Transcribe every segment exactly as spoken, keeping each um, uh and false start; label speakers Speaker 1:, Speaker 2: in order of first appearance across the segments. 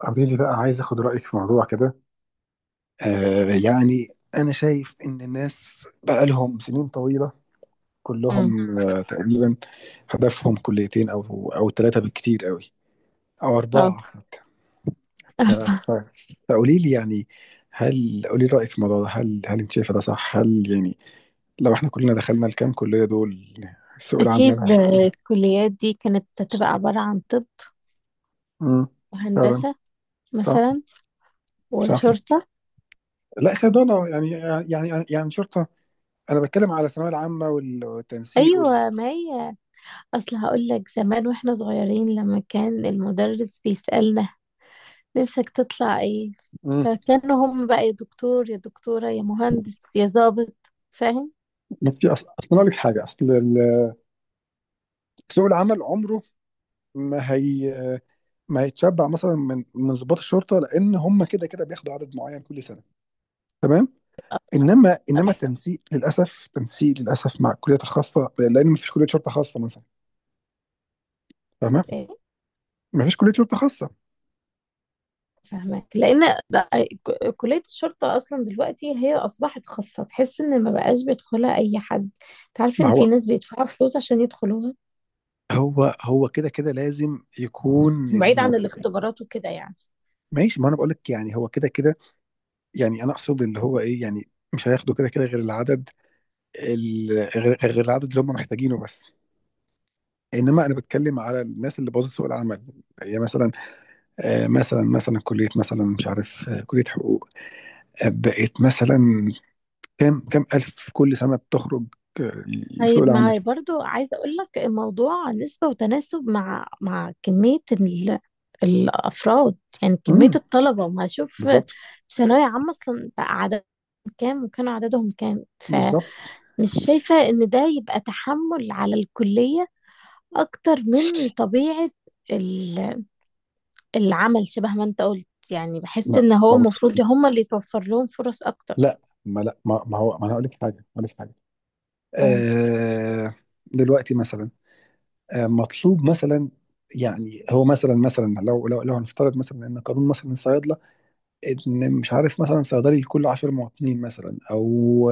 Speaker 1: قولي لي بقى عايز اخد رايك في موضوع كده. آه يعني انا شايف ان الناس بقى لهم سنين طويله،
Speaker 2: امم
Speaker 1: كلهم آه تقريبا. هدفهم كليتين او او ثلاثه بالكتير قوي، او
Speaker 2: اه
Speaker 1: اربعه حتى. ف- ف- فقولي لي يعني، هل قولي لي رايك في الموضوع ده، هل هل انت شايفه ده صح؟ هل يعني لو احنا كلنا دخلنا الكام كليه دول، السوق العام ده
Speaker 2: اكيد
Speaker 1: هيكون؟
Speaker 2: آه، الكليات دي كانت هتبقى عبارة عن طب
Speaker 1: امم، فعلا،
Speaker 2: وهندسة
Speaker 1: صح،
Speaker 2: مثلا
Speaker 1: صح.
Speaker 2: وشرطة.
Speaker 1: لا صيدلة يعني يعني يعني يعني شرطة. أنا بتكلم على الثانوية العامة والتنسيق.
Speaker 2: ايوه، ما هي اصل هقول لك زمان واحنا صغيرين لما كان المدرس بيسألنا نفسك تطلع ايه،
Speaker 1: مم.
Speaker 2: فكانوا هم بقى يا دكتور يا دكتورة يا مهندس يا ضابط، فاهم؟
Speaker 1: ما في اصل اصل أنا اقول لك حاجه، اصل ال- سوق العمل عمره ما هي ما هيتشبع مثلا من من ضباط الشرطه، لان هم كده كده بياخدوا عدد معين كل سنه. تمام. انما انما
Speaker 2: طبعاً.
Speaker 1: التنسيق للاسف، تنسيق للاسف مع الكليات الخاصه، لان ما فيش كليه شرطه خاصه مثلا. فاهمه.
Speaker 2: إيه،
Speaker 1: ما فيش كليه شرطه خاصه.
Speaker 2: فاهمك لان ده- ك- كلية الشرطة اصلا دلوقتي هي اصبحت خاصة، تحس ان ما بقاش بيدخلها اي حد. تعرف
Speaker 1: ما
Speaker 2: ان في
Speaker 1: هو
Speaker 2: ناس بيدفعوا فلوس عشان يدخلوها
Speaker 1: هو هو كده كده لازم يكون
Speaker 2: بعيد عن
Speaker 1: الموضوع.
Speaker 2: الاختبارات وكده يعني.
Speaker 1: ماشي، ما انا بقول لك يعني هو كده كده. يعني انا اقصد اللي هو ايه، يعني مش هياخدوا كده كده غير العدد، ال- غير غير العدد اللي هم محتاجينه بس. انما انا بتكلم على الناس اللي باظت سوق العمل، هي مثلا، آه، مثلا مثلا كليه مثلا مش عارف، آه، كليه حقوق، آه، بقت مثلا كام كام الف كل سنه بتخرج. آه، لسوق
Speaker 2: طيب ما
Speaker 1: العمل.
Speaker 2: برضو عايزة اقول لك الموضوع نسبة وتناسب مع مع كمية ال... الافراد، يعني كمية
Speaker 1: امم،
Speaker 2: الطلبة. ما اشوف في
Speaker 1: بالظبط.
Speaker 2: ثانوية عامة اصلا بقى عددهم كام وكانوا عددهم كام؟ فمش
Speaker 1: بالظبط.
Speaker 2: شايفة ان ده يبقى تحمل على الكلية اكتر من طبيعة ال- العمل، شبه ما انت قلت يعني. بحس
Speaker 1: لا،
Speaker 2: ان هو
Speaker 1: ما بص،
Speaker 2: المفروض هم اللي يتوفر لهم فرص اكتر.
Speaker 1: لا. ما لا ما, ما هو، ما انا هقول لك حاجه، هقول لك حاجه
Speaker 2: قول.
Speaker 1: آه. دلوقتي مثلا، آه مطلوب مثلا، يعني هو مثلا مثلا لو لو لو هنفترض مثلا ان قانون مثلا الصيادله، ان مش عارف مثلا صيدلي لكل 10 مواطنين مثلا، او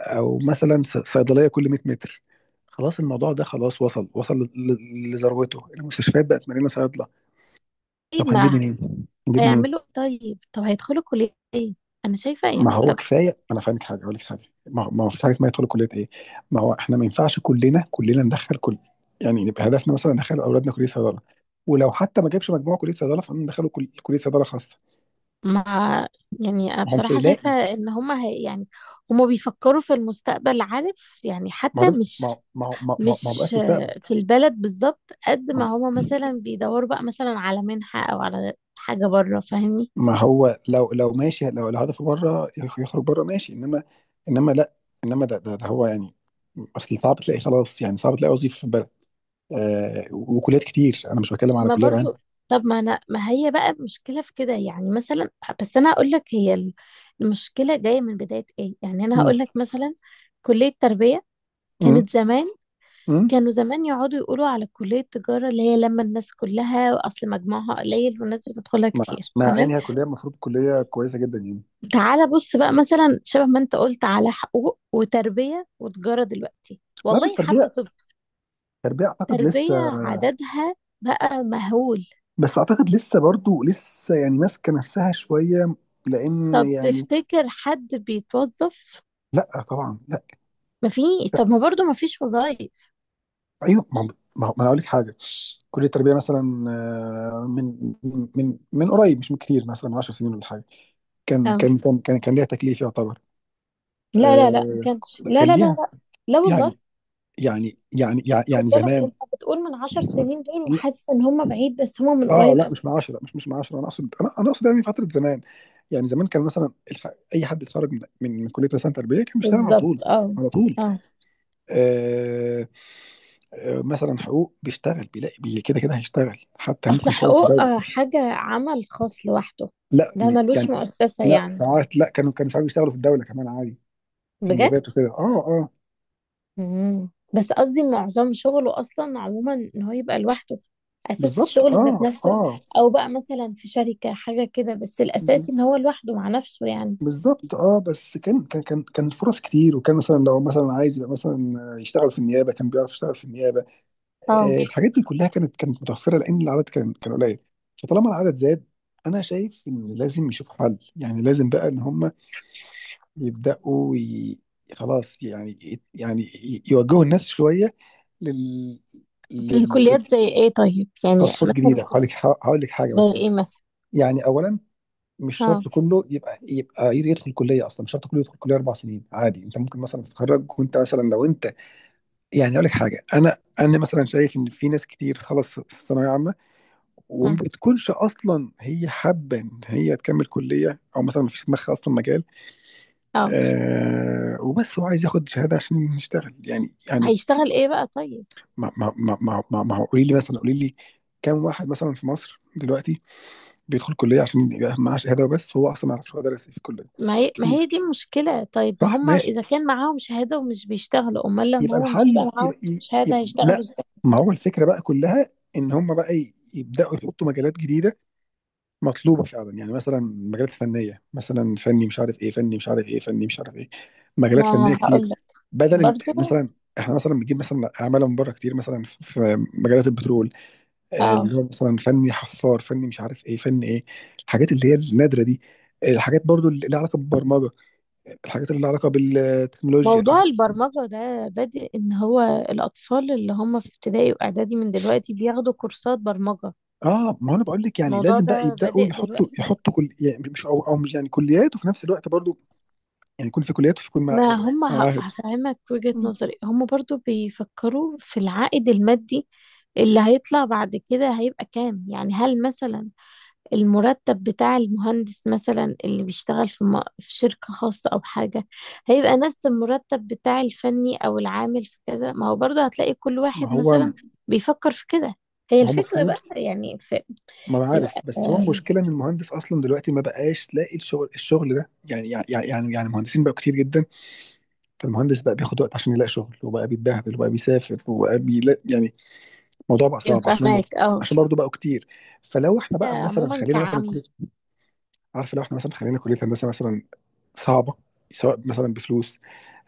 Speaker 1: او مثلا ص- صيدليه كل 100 متر. خلاص الموضوع ده خلاص، وصل وصل ل- ل- لذروته، المستشفيات بقت مليانه صيادله. طب
Speaker 2: طيب
Speaker 1: هنجيب
Speaker 2: ما
Speaker 1: منين؟ هنجيب منين؟
Speaker 2: هيعملوا إيه طيب؟ طب هيدخلوا كلية ايه؟ انا شايفة
Speaker 1: ما
Speaker 2: يعني
Speaker 1: هو
Speaker 2: طب.
Speaker 1: كفايه، انا فاهمك حاجه، اقول لك حاجه، ما هو ما هو فيش حاجه اسمها يدخلوا كليه ايه؟ ما هو احنا ما ينفعش كلنا كلنا ندخل كل، يعني يبقى هدفنا مثلا ندخل اولادنا كليه صيدله، ولو حتى ما جابش مجموعه كليه صيدله فندخله كل- كليه صيدله خاصه.
Speaker 2: ما يعني انا
Speaker 1: ما هو مش
Speaker 2: بصراحة شايفة
Speaker 1: هيلاقي.
Speaker 2: ان هما هي يعني، هما بيفكروا في المستقبل، عارف يعني،
Speaker 1: ما هو
Speaker 2: حتى
Speaker 1: ده، ما
Speaker 2: مش
Speaker 1: هو ما هو ما هو ما هو ما هو ده
Speaker 2: مش
Speaker 1: مستقبل.
Speaker 2: آه، في البلد بالظبط. قد ما
Speaker 1: ما
Speaker 2: هما مثلا بيدوروا بقى مثلا على منحة او على حاجة بره، فاهمني؟
Speaker 1: ما هو لو لو ماشي، لو الهدف بره يخرج بره ماشي، انما، انما لا، انما ده ده, ده هو يعني. اصل صعب تلاقي، خلاص يعني صعب تلاقي وظيفه في البلد. آه، وكليات كتير، انا مش بتكلم على
Speaker 2: ما
Speaker 1: كليه
Speaker 2: برضو.
Speaker 1: بعينها.
Speaker 2: طب ما انا، ما هي بقى مشكلة في كده يعني مثلا. بس انا هقول لك، هي ال- المشكلة جاية من بداية ايه، يعني انا
Speaker 1: مم.
Speaker 2: هقول لك مثلا كلية تربية
Speaker 1: مم.
Speaker 2: كانت زمان،
Speaker 1: مم.
Speaker 2: كانوا زمان يقعدوا يقولوا على كلية التجارة اللي هي لما الناس كلها أصل مجموعها قليل والناس بتدخلها
Speaker 1: مع
Speaker 2: كتير،
Speaker 1: مع ان
Speaker 2: تمام.
Speaker 1: هي كليه، المفروض كليه كويسه جدا يعني.
Speaker 2: تعالى بص بقى مثلا شبه ما انت قلت على حقوق وتربية وتجارة دلوقتي،
Speaker 1: لا، بس
Speaker 2: والله حتى
Speaker 1: تربيه،
Speaker 2: طب.
Speaker 1: تربيه اعتقد لسه.
Speaker 2: تربية عددها بقى مهول.
Speaker 1: بس اعتقد لسه برضو لسه يعني ماسكه نفسها شويه، لان
Speaker 2: طب
Speaker 1: يعني.
Speaker 2: تفتكر حد بيتوظف؟
Speaker 1: لا طبعا.
Speaker 2: ما في. طب ما برضو ما فيش وظائف.
Speaker 1: ايوه، ما ما ما انا اقول لك حاجه. كليه التربيه مثلا آه، من من من قريب مش من كتير، مثلا من 10 سنين ولا حاجه، كان
Speaker 2: اه،
Speaker 1: كان كان كان, كان ليها تكليف يعتبر.
Speaker 2: لا لا لا ما
Speaker 1: آه،
Speaker 2: كانش، لا
Speaker 1: كان
Speaker 2: لا لا
Speaker 1: ليها
Speaker 2: لا. لا والله.
Speaker 1: يعني، يعني يعني يعني
Speaker 2: خد
Speaker 1: يعني
Speaker 2: بالك
Speaker 1: زمان.
Speaker 2: انت بتقول من عشر سنين دول
Speaker 1: لا،
Speaker 2: وحاسس ان هم بعيد، بس هم من
Speaker 1: اه
Speaker 2: قريب.
Speaker 1: لا، مش من عشرة مش مش من عشرة انا اقصد، انا انا اقصد يعني فتره زمان. يعني زمان كان مثلا الح... اي حد اتخرج من من من كليه مثلا تربيه كان بيشتغل على
Speaker 2: بالظبط،
Speaker 1: طول،
Speaker 2: اه
Speaker 1: على طول.
Speaker 2: اه.
Speaker 1: آه... آه... مثلا حقوق بيشتغل، بيلاقي، بي... كده كده هيشتغل، حتى ممكن
Speaker 2: اصل
Speaker 1: يشتغل في
Speaker 2: حقوق
Speaker 1: الدوله.
Speaker 2: آه، حاجة عمل خاص لوحده،
Speaker 1: لا،
Speaker 2: ده
Speaker 1: م-
Speaker 2: ملوش
Speaker 1: يعني.
Speaker 2: مؤسسة
Speaker 1: لا
Speaker 2: يعني.
Speaker 1: ساعات، لا، كانوا كانوا ساعات بيشتغلوا في الدولة كمان عادي، في
Speaker 2: بجد.
Speaker 1: النيابات وكده، اه، اه.
Speaker 2: مم. بس قصدي معظم شغله اصلا عموما ان هو يبقى لوحده، اساس
Speaker 1: بالظبط،
Speaker 2: الشغل ذات
Speaker 1: اه،
Speaker 2: نفسه.
Speaker 1: اه.
Speaker 2: او بقى مثلا في شركة حاجة كده، بس
Speaker 1: ب-
Speaker 2: الاساسي ان هو لوحده مع نفسه يعني.
Speaker 1: بالظبط، اه، بس كان كان كان كان فرص كتير، وكان مثلا لو مثلا عايز يبقى مثلا يشتغل في النيابة كان بيعرف يشتغل في النيابة.
Speaker 2: اه.
Speaker 1: آه، الحاجات دي كلها كانت كانت متوفرة لأن العدد كان كان قليل. فطالما العدد زاد، أنا شايف إن لازم يشوف حل، يعني لازم بقى إن هم يبدأوا ي... خلاص يعني، يعني ي- يوجهوا الناس شوية لل... لل...
Speaker 2: الكليات زي ايه طيب، يعني
Speaker 1: خاصات
Speaker 2: مثلا
Speaker 1: جديده. هقول
Speaker 2: كل-
Speaker 1: لك هقول لك حاجه
Speaker 2: زي
Speaker 1: مثلا.
Speaker 2: ايه مثلا؟
Speaker 1: يعني اولا، مش
Speaker 2: اه
Speaker 1: شرط كله يبقى يبقى يدخل كليه اصلا، مش شرط كله يدخل كليه اربع سنين، عادي انت ممكن مثلا تتخرج وانت مثلا، لو انت يعني، اقول لك حاجه، انا انا مثلا شايف ان في ناس كتير خلص الثانويه عامه وما
Speaker 2: اه
Speaker 1: بتكونش اصلا هي حابه ان هي تكمل كليه، او مثلا ما فيش في دماغها اصلا مجال،
Speaker 2: آه.
Speaker 1: آه وبس هو عايز ياخد شهاده عشان يشتغل، يعني يعني.
Speaker 2: هيشتغل ايه بقى طيب؟
Speaker 1: ما ما ما ما ما ما هو قولي لي مثلا، قولي لي كام واحد مثلا في مصر دلوقتي بيدخل كليه عشان يبقى معاه شهاده وبس، هو اصلا ما يعرفش هو درس ايه في الكليه.
Speaker 2: ما هي ما هي
Speaker 1: كتير.
Speaker 2: دي المشكلة. طيب ما
Speaker 1: صح،
Speaker 2: هم
Speaker 1: ماشي.
Speaker 2: إذا كان معاهم شهادة ومش بيشتغلوا، أمال لما
Speaker 1: يبقى
Speaker 2: هم مش هيبقى
Speaker 1: الحل
Speaker 2: معاهم
Speaker 1: يبقى,
Speaker 2: شهادة
Speaker 1: يبقى
Speaker 2: هيشتغلوا
Speaker 1: لا.
Speaker 2: إزاي؟
Speaker 1: ما هو الفكره بقى كلها ان هم بقى ي- يبداوا يحطوا مجالات جديده مطلوبه فعلا، يعني مثلا مجالات فنيه، مثلا فني مش عارف ايه، فني مش عارف ايه، فني مش عارف ايه، مجالات فنيه
Speaker 2: ما
Speaker 1: كتير.
Speaker 2: هقولك
Speaker 1: بدل ال-
Speaker 2: برضو،
Speaker 1: مثلا، احنا مثلا بنجيب مثلا اعمال من بره كتير، مثلا في في مجالات البترول، آه،
Speaker 2: اه.
Speaker 1: اللي هو مثلا فني حفار، فني مش عارف ايه، فني ايه، الحاجات اللي هي النادره دي، الحاجات برضو اللي لها علاقه بالبرمجه، الحاجات اللي لها علاقه بالتكنولوجيا،
Speaker 2: موضوع
Speaker 1: الحاجات.
Speaker 2: البرمجة ده بادئ إن هو الأطفال اللي هم في ابتدائي وإعدادي من دلوقتي بياخدوا كورسات برمجة.
Speaker 1: اه، ما هو انا بقول لك يعني
Speaker 2: الموضوع
Speaker 1: لازم بقى
Speaker 2: ده
Speaker 1: يبداوا
Speaker 2: بادئ
Speaker 1: يحطوا
Speaker 2: دلوقتي.
Speaker 1: يحطوا كل، يعني مش او او مش يعني كليات، وفي نفس الوقت برضو يعني يكون في كليات، وفي يكون مع-
Speaker 2: ما هم ه-
Speaker 1: معاهد.
Speaker 2: هفهمك وجهة نظري. هم برضو بيفكروا في العائد المادي اللي هيطلع بعد كده هيبقى كام، يعني هل مثلا المرتب بتاع المهندس مثلا اللي بيشتغل في م- في شركة خاصة أو حاجة هيبقى نفس المرتب بتاع الفني أو العامل في كذا؟ ما هو برضه هتلاقي كل
Speaker 1: ما
Speaker 2: واحد
Speaker 1: هو
Speaker 2: مثلا بيفكر في كده. هي
Speaker 1: ما هو
Speaker 2: الفكرة بقى.
Speaker 1: المفروض.
Speaker 2: يعني في،
Speaker 1: ما انا عارف،
Speaker 2: يبقى
Speaker 1: بس هو
Speaker 2: آه،
Speaker 1: المشكله ان المهندس اصلا دلوقتي ما بقاش لاقي الشغل، الشغل ده يعني يعني يعني يعني المهندسين بقوا كتير جدا، فالمهندس بقى بياخد وقت عشان يلاقي شغل، وبقى بيتبهدل، وبقى بيسافر، وبقى بيلاقي يعني الموضوع بقى صعب،
Speaker 2: يبقى
Speaker 1: عشان هم
Speaker 2: فاهمك اه.
Speaker 1: عشان برضه بقوا كتير. فلو احنا بقى مثلا
Speaker 2: عموما
Speaker 1: خلينا مثلا
Speaker 2: كعام
Speaker 1: كليه، عارف، لو احنا مثلا خلينا كليه هندسه مثلا صعبة، سواء مثلا بفلوس،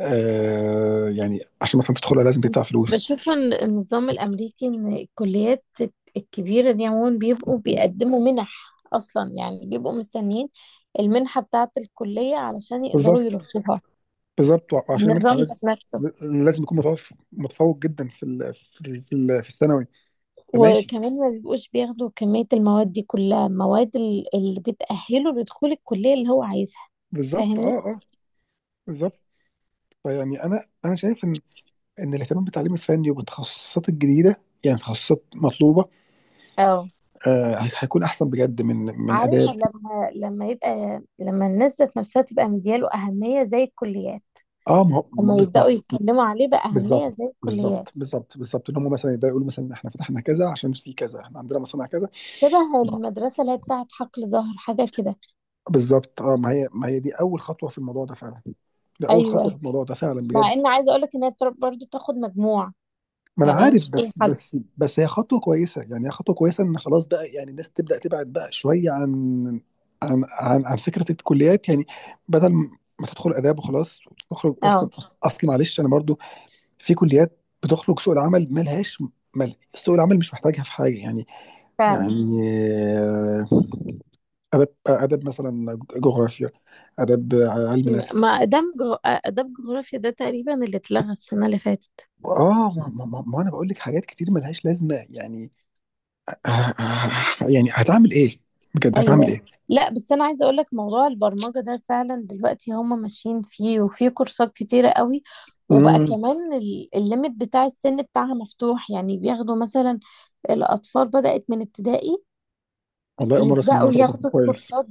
Speaker 1: آه يعني عشان مثلا تدخلها لازم تدفع فلوس.
Speaker 2: بشوف إن النظام الأمريكي إن الكليات الكبيرة دي عموما بيبقوا بيقدموا منح أصلا، يعني بيبقوا مستنيين المنحة بتاعة الكلية علشان يقدروا
Speaker 1: بالظبط
Speaker 2: يرشحوها.
Speaker 1: بالظبط وعشان المنحة
Speaker 2: النظام
Speaker 1: لازم،
Speaker 2: ذات نفسه.
Speaker 1: لازم يكون متفوق، متفوق جدا في ال في ال في, ال في الثانوي. فماشي.
Speaker 2: وكمان ما بيبقوش بياخدوا كمية المواد دي كلها، مواد ال- اللي بتأهله لدخول الكلية اللي هو عايزها،
Speaker 1: بالظبط، اه،
Speaker 2: فاهمني؟
Speaker 1: اه، بالظبط. فيعني انا انا شايف ان ان الاهتمام بالتعليم الفني وبالتخصصات الجديده، يعني تخصصات مطلوبه،
Speaker 2: اه،
Speaker 1: آه هي- هيكون احسن بجد من من
Speaker 2: عارف.
Speaker 1: اداب.
Speaker 2: لما لما يبقى، لما الناس ذات نفسها تبقى مدياله أهمية زي الكليات،
Speaker 1: اه، ما هو
Speaker 2: لما
Speaker 1: ما-
Speaker 2: يبدأوا
Speaker 1: ما-
Speaker 2: يتكلموا عليه
Speaker 1: بالظبط
Speaker 2: بأهمية زي الكليات،
Speaker 1: بالظبط بالظبط بالظبط ان هم مثلا يبداوا يقولوا مثلا احنا فتحنا كذا عشان في كذا، احنا عندنا مصانع كذا.
Speaker 2: شبه المدرسة اللي هي بتاعت حقل زهر حاجة كده.
Speaker 1: بالظبط، اه، ما هي ما هي دي اول خطوه في الموضوع ده فعلا، ده اول خطوه في
Speaker 2: أيوة.
Speaker 1: الموضوع ده فعلا
Speaker 2: مع
Speaker 1: بجد.
Speaker 2: إن عايزة أقولك إن هي بتر- برضه بتاخد مجموع،
Speaker 1: ما انا
Speaker 2: يعني هي
Speaker 1: عارف،
Speaker 2: مش أي
Speaker 1: بس
Speaker 2: حد.
Speaker 1: بس بس هي خطوه كويسه يعني، هي خطوه كويسه ان خلاص بقى يعني الناس تبدا تبعد بقى شويه عن عن عن, عن فكره الكليات يعني، بدل ما تدخل اداب وخلاص وتخرج اصلا.
Speaker 2: اه
Speaker 1: اصل معلش انا برضو، في كليات بتخرج سوق العمل ملهاش، مل... سوق العمل مش محتاجها في حاجه يعني.
Speaker 2: فعلا.
Speaker 1: يعني آه، اداب اداب مثلا جغرافيا، اداب علم
Speaker 2: م-
Speaker 1: نفس.
Speaker 2: ما دمج، دمج جغرافيا ده تقريبا اللي اتلغى السنة اللي فاتت.
Speaker 1: اه، ما, ما, ما ما انا بقول لك حاجات كتير ملهاش لازمه يعني، آه، آه، يعني هتعمل ايه، بجد هتعمل
Speaker 2: ايوه.
Speaker 1: ايه.
Speaker 2: لا بس انا عايزه اقول لك موضوع البرمجه ده فعلا دلوقتي هم ماشيين فيه وفي كورسات كتيره قوي، وبقى
Speaker 1: امم.
Speaker 2: كمان ال- الليميت بتاع السن بتاعها مفتوح، يعني بياخدوا مثلا الاطفال، بدات من ابتدائي
Speaker 1: والله اول مره اسمع
Speaker 2: يبداوا
Speaker 1: الموضوع ده،
Speaker 2: ياخدوا
Speaker 1: كويس.
Speaker 2: الكورسات.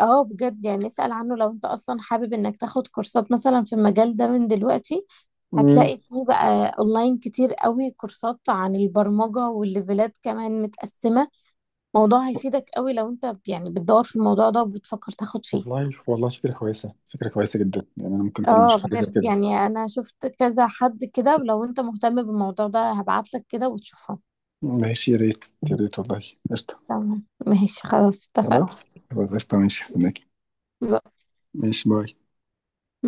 Speaker 2: اه بجد، يعني اسأل عنه لو انت اصلا حابب انك تاخد كورسات مثلا في المجال ده من دلوقتي.
Speaker 1: امم.
Speaker 2: هتلاقي فيه بقى اونلاين كتير قوي كورسات عن البرمجة، والليفلات كمان متقسمة. موضوع هيفيدك قوي لو انت يعني بتدور في الموضوع ده وبتفكر تاخد فيه.
Speaker 1: والله، والله فكره كويسه، فكره كويسه جدا يعني، انا ممكن فعلا
Speaker 2: اه
Speaker 1: اشوف حاجه زي
Speaker 2: بجد،
Speaker 1: كده.
Speaker 2: يعني انا شفت كذا حد كده، ولو انت مهتم بالموضوع ده هبعتلك كده وتشوفه.
Speaker 1: ماشي، يا ريت، يا ريت والله. قشطه.
Speaker 2: تمام، ماشي، خلاص، اتفقنا.
Speaker 1: خلاص خلاص، قشطه، ماشي، استناكي. ماشي، باي.